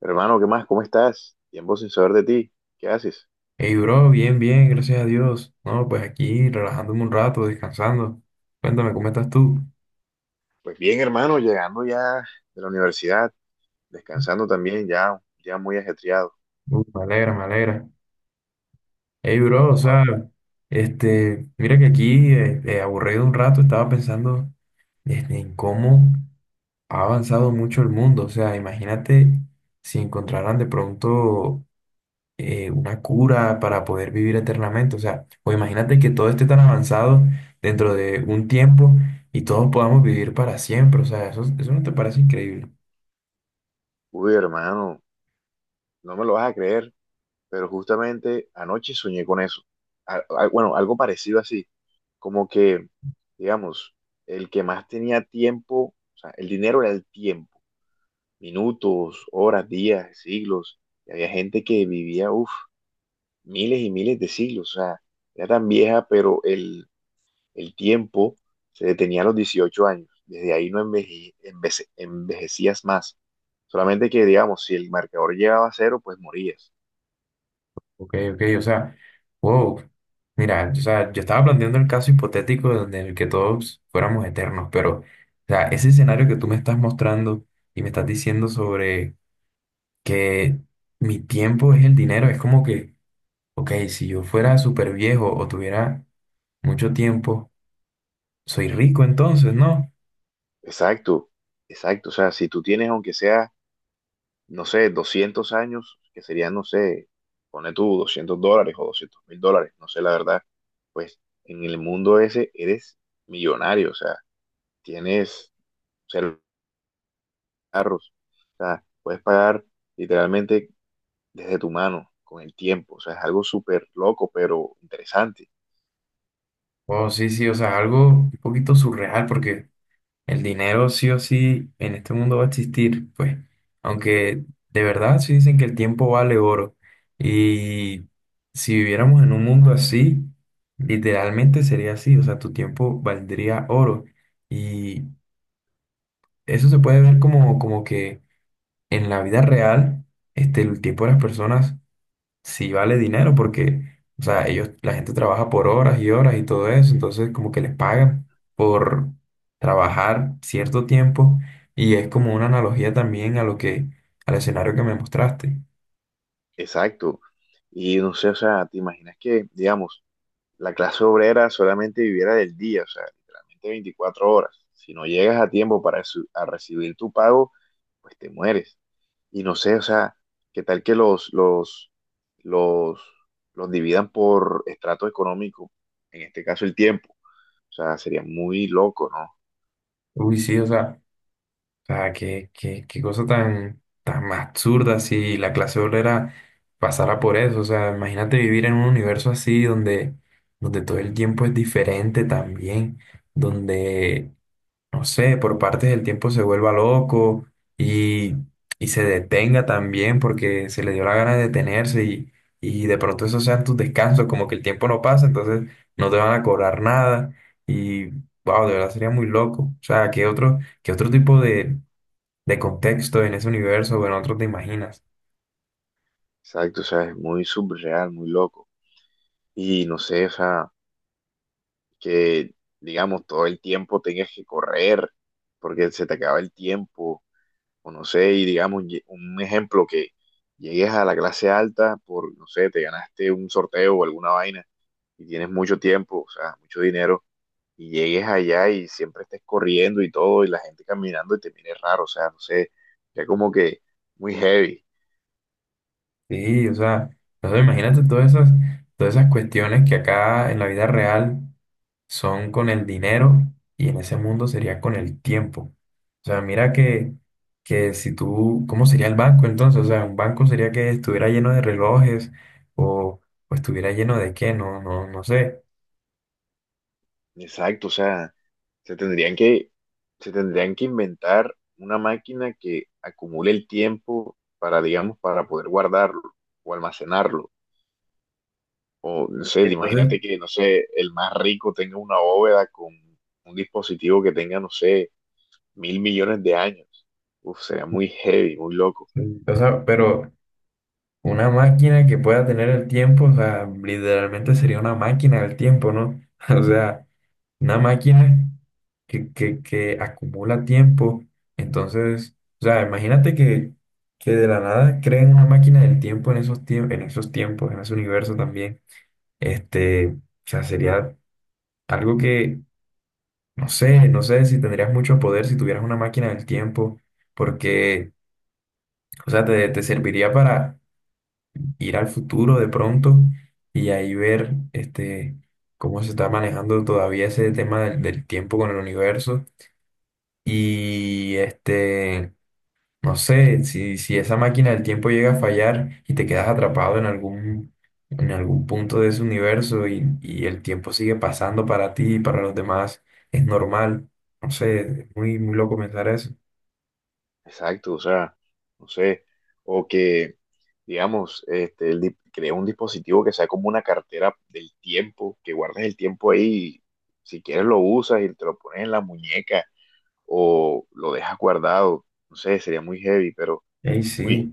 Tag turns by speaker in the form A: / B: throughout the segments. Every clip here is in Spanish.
A: Hermano, ¿qué más? ¿Cómo estás? Tiempo sin saber de ti. ¿Qué haces?
B: Hey, bro, bien, bien, gracias a Dios. No, pues aquí relajándome un rato, descansando. Cuéntame, ¿cómo estás tú?
A: Pues bien, hermano, llegando ya de la universidad, descansando también, ya, ya muy ajetreado.
B: Uy, me alegra, me alegra. Hey, bro, o
A: Ah.
B: sea, este, mira que aquí, aburrido un rato, estaba pensando este, en cómo ha avanzado mucho el mundo. O sea, imagínate si encontraran de pronto una cura para poder vivir eternamente. O sea, o imagínate que todo esté tan avanzado dentro de un tiempo y todos podamos vivir para siempre. O sea, eso no te parece increíble.
A: Uy, hermano, no me lo vas a creer, pero justamente anoche soñé con eso. Bueno, algo parecido así, como que, digamos, el que más tenía tiempo, o sea, el dinero era el tiempo, minutos, horas, días, siglos, y había gente que vivía, uff, miles y miles de siglos, o sea, era tan vieja, pero el tiempo se detenía a los 18 años. Desde ahí no envejecías más. Solamente que, digamos, si el marcador llegaba a cero, pues morías.
B: Ok, ok, o sea, wow. Mira, o sea, yo estaba planteando el caso hipotético donde en el que todos fuéramos eternos, pero, o sea, ese escenario que tú me estás mostrando y me estás diciendo sobre que mi tiempo es el dinero, es como que, ok, si yo fuera súper viejo o tuviera mucho tiempo, soy rico entonces, ¿no?
A: Exacto, exacto. O sea, si tú tienes, aunque sea, no sé, 200 años, que serían, no sé, pone tú $200 o $200.000, no sé la verdad, pues en el mundo ese eres millonario. O sea, tienes, o sea, carros. O sea, puedes pagar literalmente desde tu mano, con el tiempo. O sea, es algo súper loco, pero interesante.
B: Oh, sí, sí, o sea, algo un poquito surreal porque el dinero sí o sí en este mundo va a existir, pues, aunque de verdad sí dicen que el tiempo vale oro y si viviéramos en un mundo así, literalmente sería así, o sea, tu tiempo valdría oro y eso se puede ver como que en la vida real, este, el tiempo de las personas sí vale dinero porque, o sea, ellos, la gente trabaja por horas y horas y todo eso, entonces como que les pagan por trabajar cierto tiempo y es como una analogía también a lo que, al escenario que me mostraste.
A: Exacto. Y no sé, o sea, ¿te imaginas que, digamos, la clase obrera solamente viviera del día, o sea, literalmente 24 horas? Si no llegas a tiempo para a recibir tu pago, pues te mueres. Y no sé, o sea, ¿qué tal que los, los dividan por estrato económico? En este caso, el tiempo. O sea, sería muy loco, ¿no?
B: Uy, sí, o sea, qué cosa tan, tan absurda si la clase obrera pasara por eso, o sea, imagínate vivir en un universo así donde, donde todo el tiempo es diferente también, donde no sé, por partes del tiempo se vuelva loco y, y se detenga también porque se le dio la gana de detenerse y de pronto esos sean tus descansos, como que el tiempo no pasa, entonces no te van a cobrar nada y, wow, de verdad sería muy loco. O sea, ¿qué otro tipo de contexto en ese universo o en otro te imaginas?
A: Exacto, o sea, es muy surreal, muy loco. Y no sé, o sea, que digamos todo el tiempo tengas que correr porque se te acaba el tiempo, o no sé, y digamos un ejemplo que llegues a la clase alta por, no sé, te ganaste un sorteo o alguna vaina y tienes mucho tiempo, o sea, mucho dinero, y llegues allá y siempre estés corriendo y todo, y la gente caminando y te mire raro, o sea, no sé, ya como que muy heavy.
B: Sí, o sea, no sé, imagínate todas esas cuestiones que acá en la vida real son con el dinero y en ese mundo sería con el tiempo. O sea, mira que si tú, ¿cómo sería el banco entonces? O sea, un banco sería que estuviera lleno de relojes o, o estuviera lleno de qué, no, no, no sé.
A: Exacto, o sea. Se tendrían que, se tendrían que inventar una máquina que acumule el tiempo para, digamos, para poder guardarlo o almacenarlo. O, no sé,
B: Entonces,
A: imagínate que, no sé, el más rico tenga una bóveda con un dispositivo que tenga, no sé, mil millones de años. Uf, sería muy heavy, muy loco.
B: sí, o sea, pero una máquina que pueda tener el tiempo, o sea, literalmente sería una máquina del tiempo, ¿no? O sea, una máquina que acumula tiempo. Entonces, o sea, imagínate que de la nada creen una máquina del tiempo en esos tiempos, en ese universo también. Este, o sea, sería algo que, no sé, no sé si tendrías mucho poder si tuvieras una máquina del tiempo, porque, o sea, te serviría para ir al futuro de pronto y ahí ver, este, cómo se está manejando todavía ese tema del tiempo con el universo. Y este, no sé, si esa máquina del tiempo llega a fallar y te quedas atrapado en algún punto de ese universo y el tiempo sigue pasando para ti y para los demás, es normal. No sé, es muy, muy loco pensar eso.
A: Exacto, o sea, no sé, o que, digamos, este, crea un dispositivo que sea como una cartera del tiempo, que guardes el tiempo ahí, y si quieres lo usas y te lo pones en la muñeca o lo dejas guardado, no sé, sería muy heavy, pero,
B: Ey,
A: uy,
B: sí,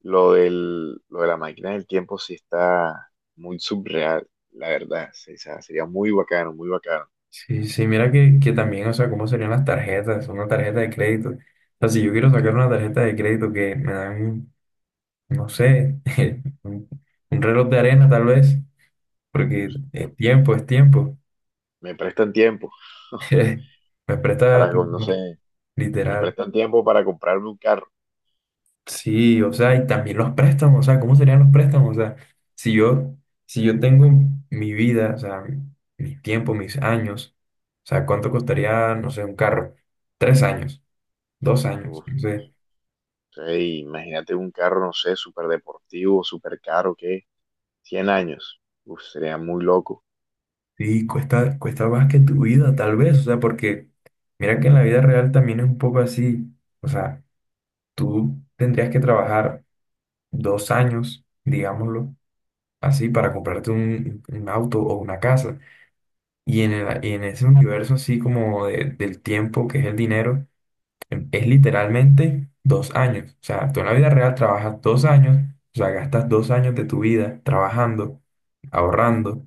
A: lo del, lo de la máquina del tiempo sí está muy subreal, la verdad, sí, o sea, sería muy bacano, muy bacano.
B: sí, sí, mira que también, o sea, cómo serían las tarjetas, una tarjeta de crédito. O sea, si yo quiero sacar una tarjeta de crédito que me dan, no sé, un, un reloj de arena tal vez,
A: No
B: porque
A: sé, me,
B: es tiempo, es tiempo.
A: me prestan tiempo
B: Me presta,
A: para,
B: por
A: no
B: favor,
A: sé, me
B: literal.
A: prestan tiempo para comprarme un carro.
B: Sí, o sea, y también los préstamos, o sea, ¿cómo serían los préstamos? O sea, si yo, si yo tengo mi vida, o sea, mi tiempo, mis años, o sea, ¿cuánto costaría, no sé, un carro? 3 años, 2 años,
A: Uf,
B: no
A: no.
B: sé.
A: Sí, imagínate un carro, no sé, súper deportivo, súper caro, ¿qué? 100 años. Uf, sería muy loco.
B: Sí, cuesta más que tu vida, tal vez, o sea, porque mira que en la vida real también es un poco así, o sea, tú tendrías que trabajar 2 años, digámoslo así para comprarte un auto o una casa. Y en, en ese universo así como del tiempo, que es el dinero, es literalmente 2 años. O sea, tú en la vida real trabajas 2 años, o sea, gastas 2 años de tu vida trabajando, ahorrando.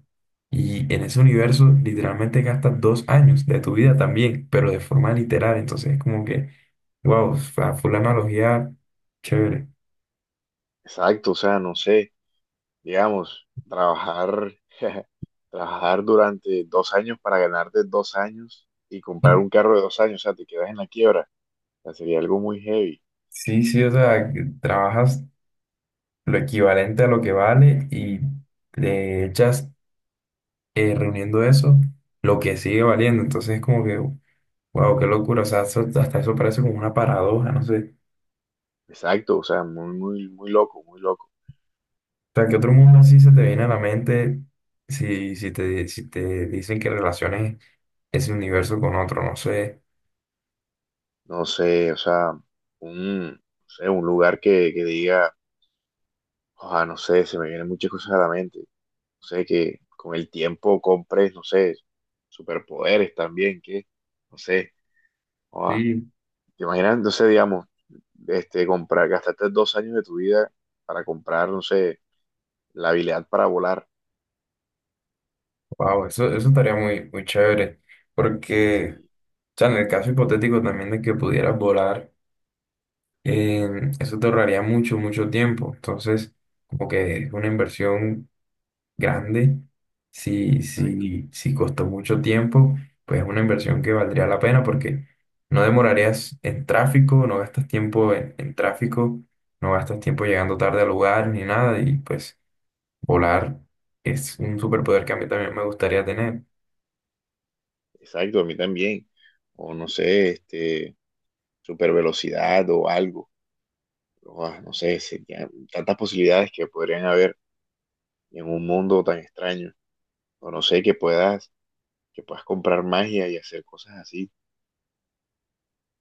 B: Y en ese universo literalmente gastas 2 años de tu vida también, pero de forma literal. Entonces es como que, wow, fue la analogía chévere.
A: Exacto, o sea, no sé, digamos, trabajar, trabajar durante 2 años para ganarte 2 años y comprar un carro de 2 años, o sea, te quedas en la quiebra. O sea, sería algo muy heavy.
B: Sí, sí, o sea, que trabajas lo equivalente a lo que vale y le echas reuniendo eso lo que sigue valiendo. Entonces es como que, wow, qué locura. O sea, hasta eso parece como una paradoja, no sé.
A: Exacto, o sea, muy, muy, muy loco, muy loco.
B: O sea, ¿qué otro mundo así se te viene a la mente si, si te dicen que relaciones ese universo con otro? No sé.
A: No sé, o sea, un, no sé, un lugar que diga, ojalá, no sé, se me vienen muchas cosas a la mente. No sé, que con el tiempo compres, no sé, superpoderes también, que, no sé, ah,
B: Sí.
A: te imaginas, no sé, digamos, este, comprar, gastarte 2 años de tu vida para comprar, no sé, la habilidad para volar.
B: Wow, eso estaría muy, muy chévere. Porque, o
A: Sí,
B: sea, en el caso hipotético también de que pudieras volar. Eso te ahorraría mucho, mucho tiempo. Entonces, como que es una inversión grande. Si,
A: exacto,
B: si, si costó mucho tiempo, pues es una inversión que valdría la pena porque no demorarías en tráfico, no gastas tiempo en tráfico, no gastas tiempo llegando tarde al lugar ni nada. Y pues volar es un superpoder que a mí también me gustaría tener.
A: exacto, a mí también. O no sé, este, super velocidad o algo. Ah, no sé, serían tantas posibilidades que podrían haber en un mundo tan extraño. O no sé, que puedas comprar magia y hacer cosas así.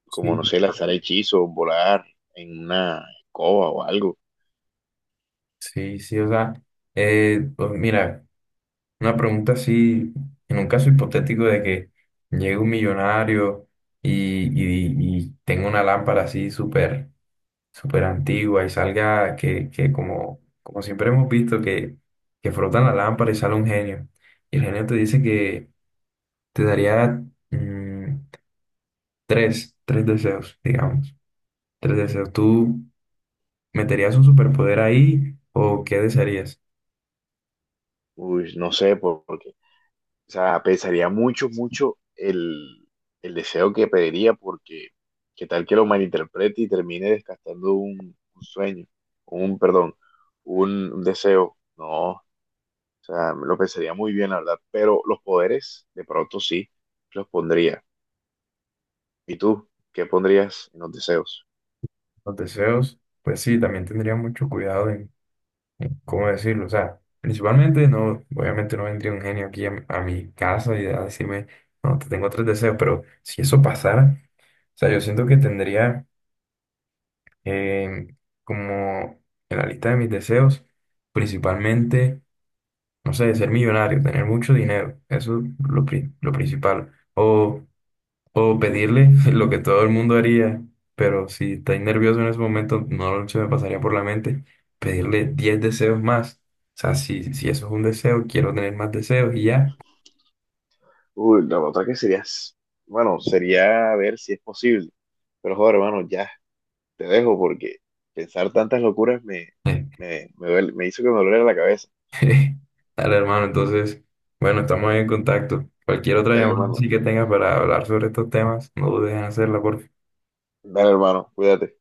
A: Como no
B: Sí.
A: sé, lanzar hechizos, volar en una escoba o algo.
B: Sí, sí, o sea, pues mira. Una pregunta así, en un caso hipotético de que llegue un millonario y, y tenga una lámpara así súper súper antigua y salga que, que como siempre hemos visto que frotan la lámpara y sale un genio. Y el genio te dice que te daría mm, tres deseos, digamos. Tres deseos. ¿Tú meterías un superpoder ahí o qué desearías?
A: Uy, no sé, porque, o sea, pensaría mucho, mucho el deseo que pediría, porque qué tal que lo malinterprete y termine desgastando un sueño, perdón, un deseo. No, o sea, me lo pensaría muy bien, la verdad, pero los poderes, de pronto sí, los pondría. ¿Y tú? ¿Qué pondrías en los deseos?
B: Los deseos, pues sí, también tendría mucho cuidado. ¿Cómo decirlo? O sea, principalmente no, obviamente no vendría un genio aquí a mi casa y a decirme, no, te tengo tres deseos, pero si eso pasara, o sea, yo siento que tendría eh, como en la lista de mis deseos, principalmente, no sé, ser millonario, tener mucho dinero, eso es lo, lo principal, o pedirle lo que todo el mundo haría, pero si estáis nervioso en ese momento, no se me pasaría por la mente pedirle 10 deseos más. O sea, si eso es un deseo, quiero tener más deseos y ya.
A: Uy, la otra que sería, bueno, sería ver si es posible. Pero joder, hermano, ya te dejo porque pensar tantas locuras me hizo que me doliera la cabeza.
B: Dale, hermano, entonces, bueno, estamos en contacto. Cualquier otra
A: Dale,
B: llamada
A: hermano.
B: así que tengas para hablar sobre estos temas, no dudes en hacerla, por
A: Dale, hermano. Cuídate.